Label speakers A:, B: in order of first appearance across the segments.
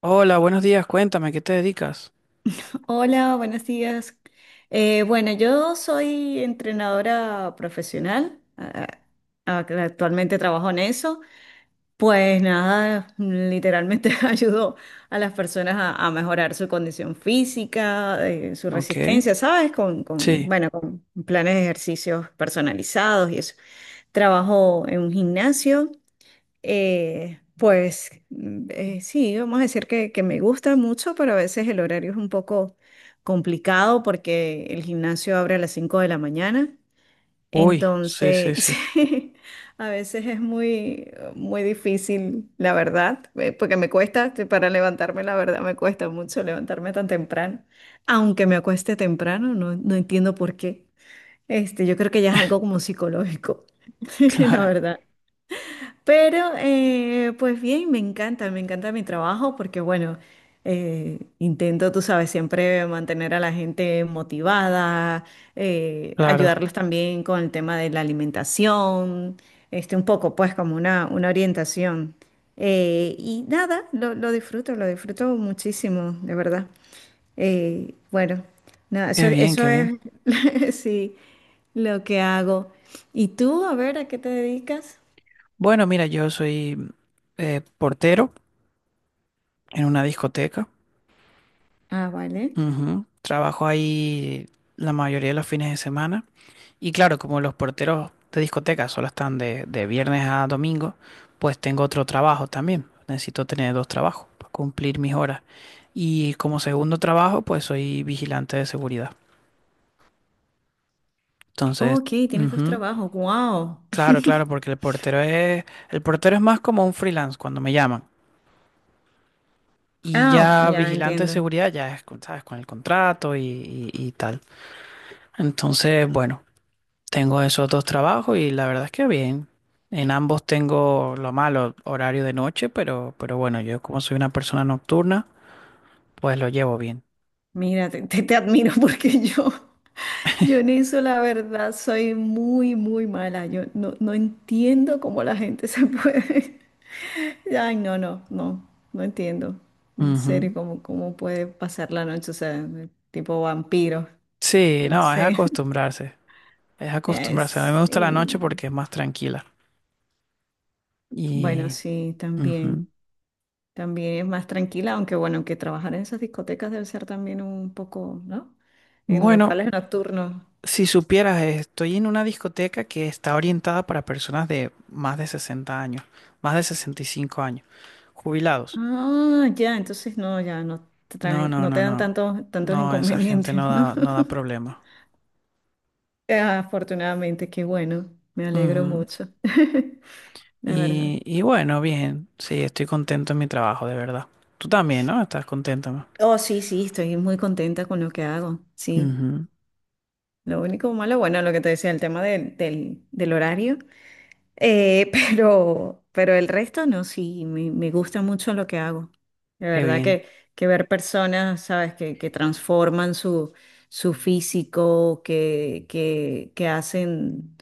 A: Hola, buenos días, cuéntame, ¿qué te dedicas?
B: Hola, buenos días. Bueno, yo soy entrenadora profesional. Actualmente trabajo en eso. Pues nada, literalmente ayudo a las personas a mejorar su condición física, su
A: Ok,
B: resistencia, ¿sabes? Con, con,
A: sí.
B: bueno, con planes de ejercicios personalizados y eso. Trabajo en un gimnasio. Sí, vamos a decir que me gusta mucho, pero a veces el horario es un poco complicado porque el gimnasio abre a las 5 de la mañana.
A: Uy, sí, sí,
B: Entonces,
A: sí.
B: sí, a veces es muy, muy difícil, la verdad, porque me cuesta, para levantarme, la verdad, me cuesta mucho levantarme tan temprano. Aunque me acueste temprano, no entiendo por qué. Este, yo creo que ya es algo como psicológico, la
A: Claro,
B: verdad. Pero pues bien, me encanta mi trabajo porque bueno, intento, tú sabes, siempre mantener a la gente motivada,
A: claro.
B: ayudarlos también con el tema de la alimentación, este, un poco pues como una orientación. Y nada, lo disfruto muchísimo, de verdad. Eh, bueno, nada,
A: Qué bien,
B: eso
A: qué
B: es,
A: bien.
B: sí, lo que hago. ¿Y tú, a ver, a qué te dedicas?
A: Bueno, mira, yo soy portero en una discoteca.
B: Ah, vale.
A: Ujú. Trabajo ahí la mayoría de los fines de semana. Y claro, como los porteros de discoteca solo están de viernes a domingo, pues tengo otro trabajo también. Necesito tener dos trabajos para cumplir mis horas. Y como segundo trabajo, pues soy vigilante de seguridad.
B: Oh,
A: Entonces,
B: ok, tienes dos
A: ujú.
B: trabajos. Wow.
A: Claro, claro, porque el portero es más como un freelance cuando me llaman. Y
B: Ah, ok,
A: ya
B: ya
A: vigilante de
B: entiendo.
A: seguridad ya es, ¿sabes? Con el contrato y tal. Entonces, bueno, tengo esos dos trabajos y la verdad es que bien. En ambos tengo lo malo, horario de noche, pero bueno, yo como soy una persona nocturna, pues lo llevo bien.
B: Mira, te admiro porque yo en eso la verdad soy muy, muy mala. Yo no entiendo cómo la gente se puede. Ay, no, no, no, no entiendo. En serio,
A: Ujú.
B: cómo, cómo puede pasar la noche, o sea, tipo vampiro.
A: Sí,
B: No
A: no, es
B: sé.
A: acostumbrarse. Es acostumbrarse. A mí me gusta la noche
B: Sí.
A: porque es más tranquila.
B: Bueno,
A: Y
B: sí,
A: ujú.
B: también. También es más tranquila, aunque bueno, aunque trabajar en esas discotecas debe ser también un poco, ¿no? En
A: Bueno,
B: locales nocturnos.
A: si supieras, estoy en una discoteca que está orientada para personas de más de 60 años, más de 65 años, jubilados.
B: Ah, ya, entonces no, ya no te
A: No,
B: traen,
A: no,
B: no te
A: no,
B: dan
A: no.
B: tantos, tantos
A: No, esa gente no
B: inconvenientes, ¿no?
A: da, no da problema.
B: Afortunadamente, qué bueno, me alegro
A: Ujú.
B: mucho, la verdad.
A: Y bueno, bien, sí, estoy contento en mi trabajo, de verdad. Tú también, ¿no? Estás contento, ¿no?
B: Oh, sí, sí, estoy muy contenta con lo que hago, sí.
A: Ujú.
B: Lo único malo, bueno, lo que te decía, el tema del horario. Pero el resto no, sí, me gusta mucho lo que hago. De
A: Qué
B: verdad
A: bien,
B: que ver personas, ¿sabes? Que transforman su, su físico, que hacen,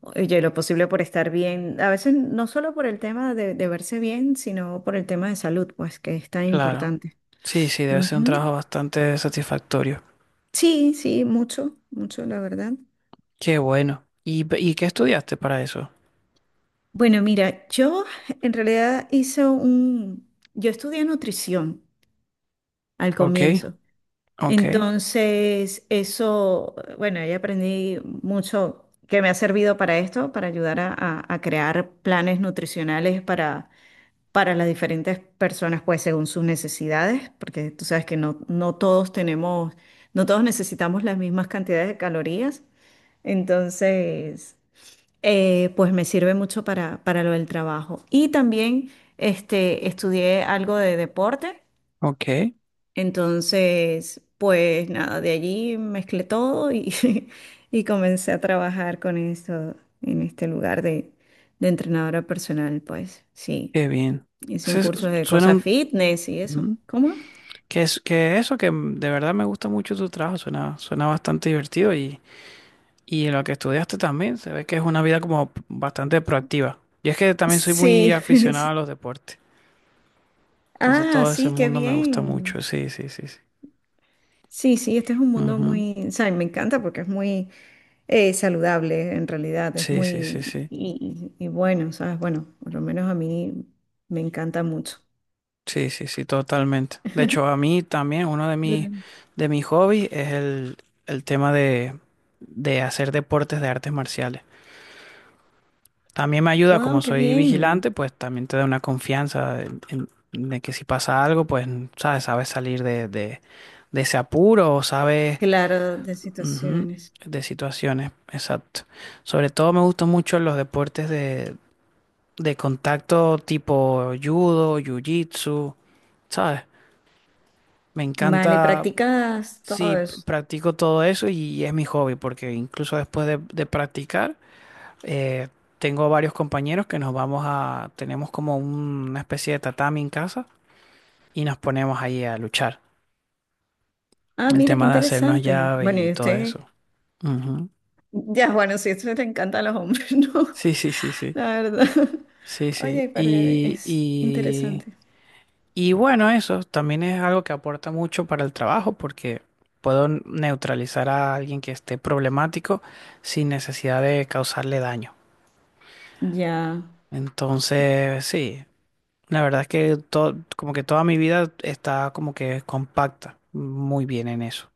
B: oye, lo posible por estar bien. A veces no solo por el tema de verse bien, sino por el tema de salud, pues que es tan
A: claro.
B: importante.
A: Sí, sí, debe ser un
B: Ujú.
A: trabajo bastante satisfactorio.
B: Sí, sí, mucho, mucho, la verdad.
A: Qué bueno. Y qué estudiaste para eso?
B: Bueno, mira, yo en realidad yo estudié nutrición al
A: Ok,
B: comienzo.
A: ok,
B: Entonces, eso, bueno, ahí aprendí mucho que me ha servido para esto, para ayudar a crear planes nutricionales para las diferentes personas, pues según sus necesidades, porque tú sabes que no todos tenemos, no todos necesitamos las mismas cantidades de calorías. Entonces, pues me sirve mucho para lo del trabajo. Y también este, estudié algo de deporte,
A: ok.
B: entonces, pues nada, de allí mezclé todo y y comencé a trabajar con esto en este lugar de entrenadora personal, pues sí.
A: Qué bien.
B: Hice un
A: Ese es-
B: curso de
A: Suena
B: cosas
A: un...
B: fitness y eso.
A: ujú.
B: ¿Cómo?
A: Que, es, que eso, que de verdad me gusta mucho tu trabajo, suena, suena bastante divertido y lo que estudiaste también, se ve que es una vida como bastante proactiva. Y es que también soy muy
B: Sí.
A: aficionado a los deportes, entonces
B: Ah,
A: todo ese
B: sí, qué
A: mundo me gusta mucho,
B: bien.
A: sí, sí, sí, sí.
B: Sí, sí, este es un mundo
A: Ujú.
B: muy, o sea, me encanta porque es muy saludable en realidad, es
A: Sí, sí, sí,
B: muy,
A: sí.
B: y bueno, ¿sabes? Bueno, por lo menos a mí me encanta mucho.
A: Sí, sí, sí, totalmente. De hecho, a mí también uno de mis hobbies es el tema de hacer deportes de artes marciales. También me ayuda,
B: Wow,
A: como
B: qué
A: soy
B: bien.
A: vigilante, pues también te da una confianza de que si pasa algo, pues sabes, sabes salir de ese apuro o sabes
B: Claro, de
A: ujú,
B: situaciones.
A: de situaciones. Exacto. Sobre todo me gustan mucho los deportes de contacto tipo judo, jiu-jitsu, ¿sabes? Me
B: Vale,
A: encanta,
B: practicas todo
A: sí,
B: eso.
A: practico todo eso y es mi hobby, porque incluso después de practicar. Eh, Tengo varios compañeros que nos vamos a, tenemos como una especie de tatami en casa y nos ponemos ahí a luchar.
B: Ah,
A: El
B: mira, qué
A: tema de hacernos
B: interesante.
A: llaves
B: Bueno,
A: y
B: y
A: todo
B: usted,
A: eso. Ujú.
B: ya, bueno, sí, eso te encanta a los hombres, ¿no?
A: Sí, sí, sí, sí.
B: La verdad.
A: Sí, sí.
B: Oye, pero es interesante.
A: Y bueno, eso también es algo que aporta mucho para el trabajo porque puedo neutralizar a alguien que esté problemático sin necesidad de causarle daño.
B: Ya,
A: Entonces, sí, la verdad es que todo, como que toda mi vida está como que compacta, muy bien en eso.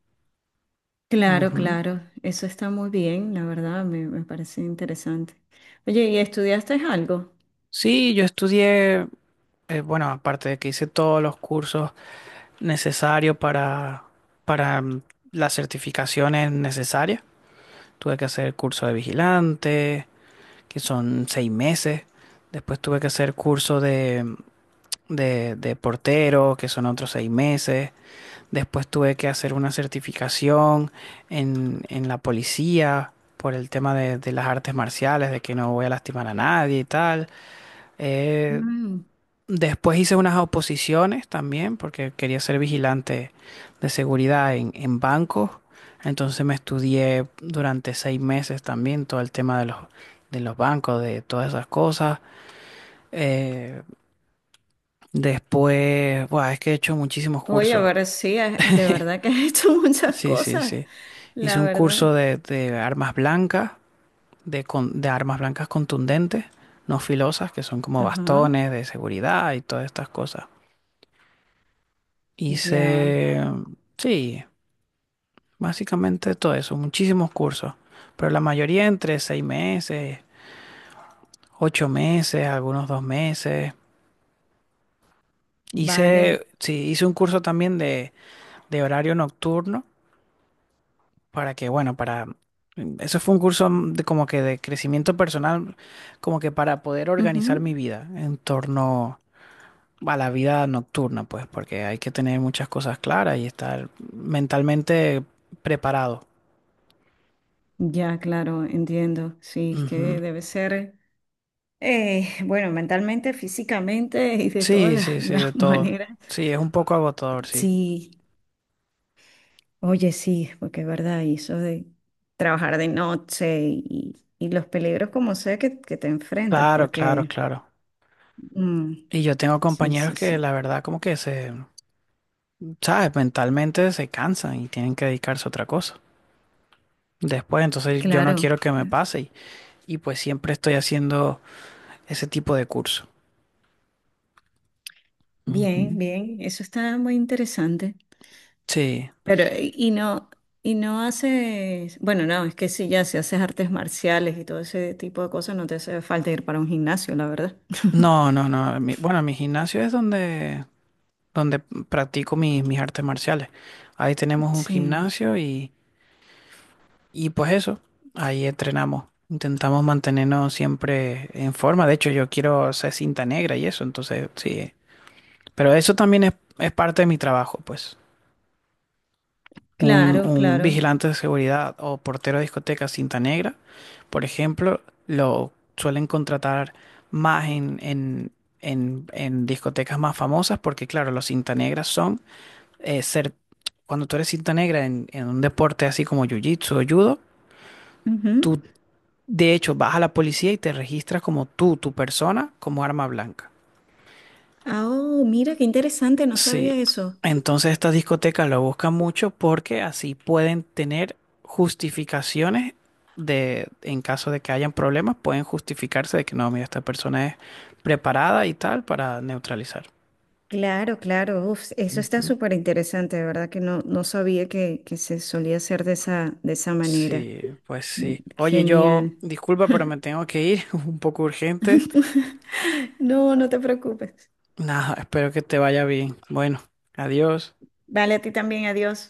B: claro,
A: Ujú.
B: claro. Eso está muy bien, la verdad, me parece interesante. Oye, ¿y estudiaste algo?
A: Sí, yo estudié, bueno, aparte de que hice todos los cursos necesarios para, para las certificaciones necesarias, tuve que hacer curso de vigilante, que son 6 meses. Después tuve que hacer curso de portero, que son otros 6 meses. Después tuve que hacer una certificación en la policía por el tema de las artes marciales, de que no voy a lastimar a nadie y tal. Eh,
B: Mm.
A: Después hice unas oposiciones también porque quería ser vigilante de seguridad en bancos. Entonces me estudié durante 6 meses también todo el tema de los bancos, de todas esas cosas. Eh, Después, buah, es que he hecho muchísimos
B: Oye,
A: cursos.
B: pero sí, de verdad que has hecho muchas
A: Sí, sí,
B: cosas,
A: sí. Hice
B: la
A: un
B: verdad.
A: curso de armas blancas, de armas blancas contundentes, no filosas, que son como
B: Ajá,
A: bastones de seguridad y todas estas cosas.
B: ya.
A: Hice, sí, básicamente todo eso, muchísimos cursos, pero la mayoría entre 6 meses, 8 meses, algunos 2 meses.
B: Vale.
A: Hice, sí, hice un curso también de horario nocturno para que, bueno, para... eso fue un curso de como que de crecimiento personal, como que para poder organizar mi
B: Ujú.
A: vida en torno a la vida nocturna, pues, porque hay que tener muchas cosas claras y estar mentalmente preparado.
B: Ya, claro, entiendo. Sí, es que
A: Ujú.
B: debe ser, bueno, mentalmente, físicamente y de todas
A: Sí, sí,
B: las,
A: sí, de
B: las
A: todo.
B: maneras.
A: Sí, es un poco agotador, sí.
B: Sí, oye, sí, porque es verdad, y eso de trabajar de noche y los peligros como sea que te enfrentas,
A: Claro, claro,
B: porque...
A: claro.
B: mm,
A: Y yo tengo
B: sí,
A: compañeros
B: sí,
A: que
B: sí.
A: la verdad como que se, ¿sabes? Mentalmente se cansan y tienen que dedicarse a otra cosa. Después, entonces yo no
B: Claro.
A: quiero que me pase, y pues siempre estoy haciendo ese tipo de curso.
B: Bien,
A: Ujú.
B: bien, eso está muy interesante.
A: Sí.
B: Pero, y no haces, bueno, no, es que sí, ya si haces artes marciales y todo ese tipo de cosas, no te hace falta ir para un gimnasio, la verdad.
A: No, no, no. Bueno, mi gimnasio es donde, donde practico mis, mis artes marciales. Ahí tenemos un
B: Sí,
A: gimnasio y pues eso, ahí entrenamos. Intentamos mantenernos siempre en forma. De hecho, yo quiero ser cinta negra y eso, entonces sí. Pero eso también es parte de mi trabajo, pues. un,
B: claro,
A: un
B: claro.
A: vigilante de seguridad o portero de discoteca cinta negra, por ejemplo, lo suelen contratar más en discotecas más famosas porque, claro, los cinta negras son eh, ser, cuando tú eres cinta negra en un deporte así como jiu-jitsu o judo,
B: Ujú.
A: tú de hecho vas a la policía y te registras como tú, tu persona, como arma blanca.
B: Ah, oh, mira, qué interesante, no
A: Sí,
B: sabía eso.
A: entonces estas discotecas lo buscan mucho porque así pueden tener justificaciones de, en caso de que hayan problemas, pueden justificarse de que no, mira, esta persona es preparada y tal para neutralizar.
B: Claro, claro, uf, eso está
A: Ujú.
B: súper interesante, de verdad que no, no sabía que se solía hacer de esa manera.
A: Sí, pues
B: Mm,
A: sí. Oye, yo,
B: genial.
A: disculpa, pero me tengo que ir, un poco urgente.
B: No, no te preocupes.
A: Nada, espero que te vaya bien. Bueno, adiós.
B: Vale, a ti también, adiós.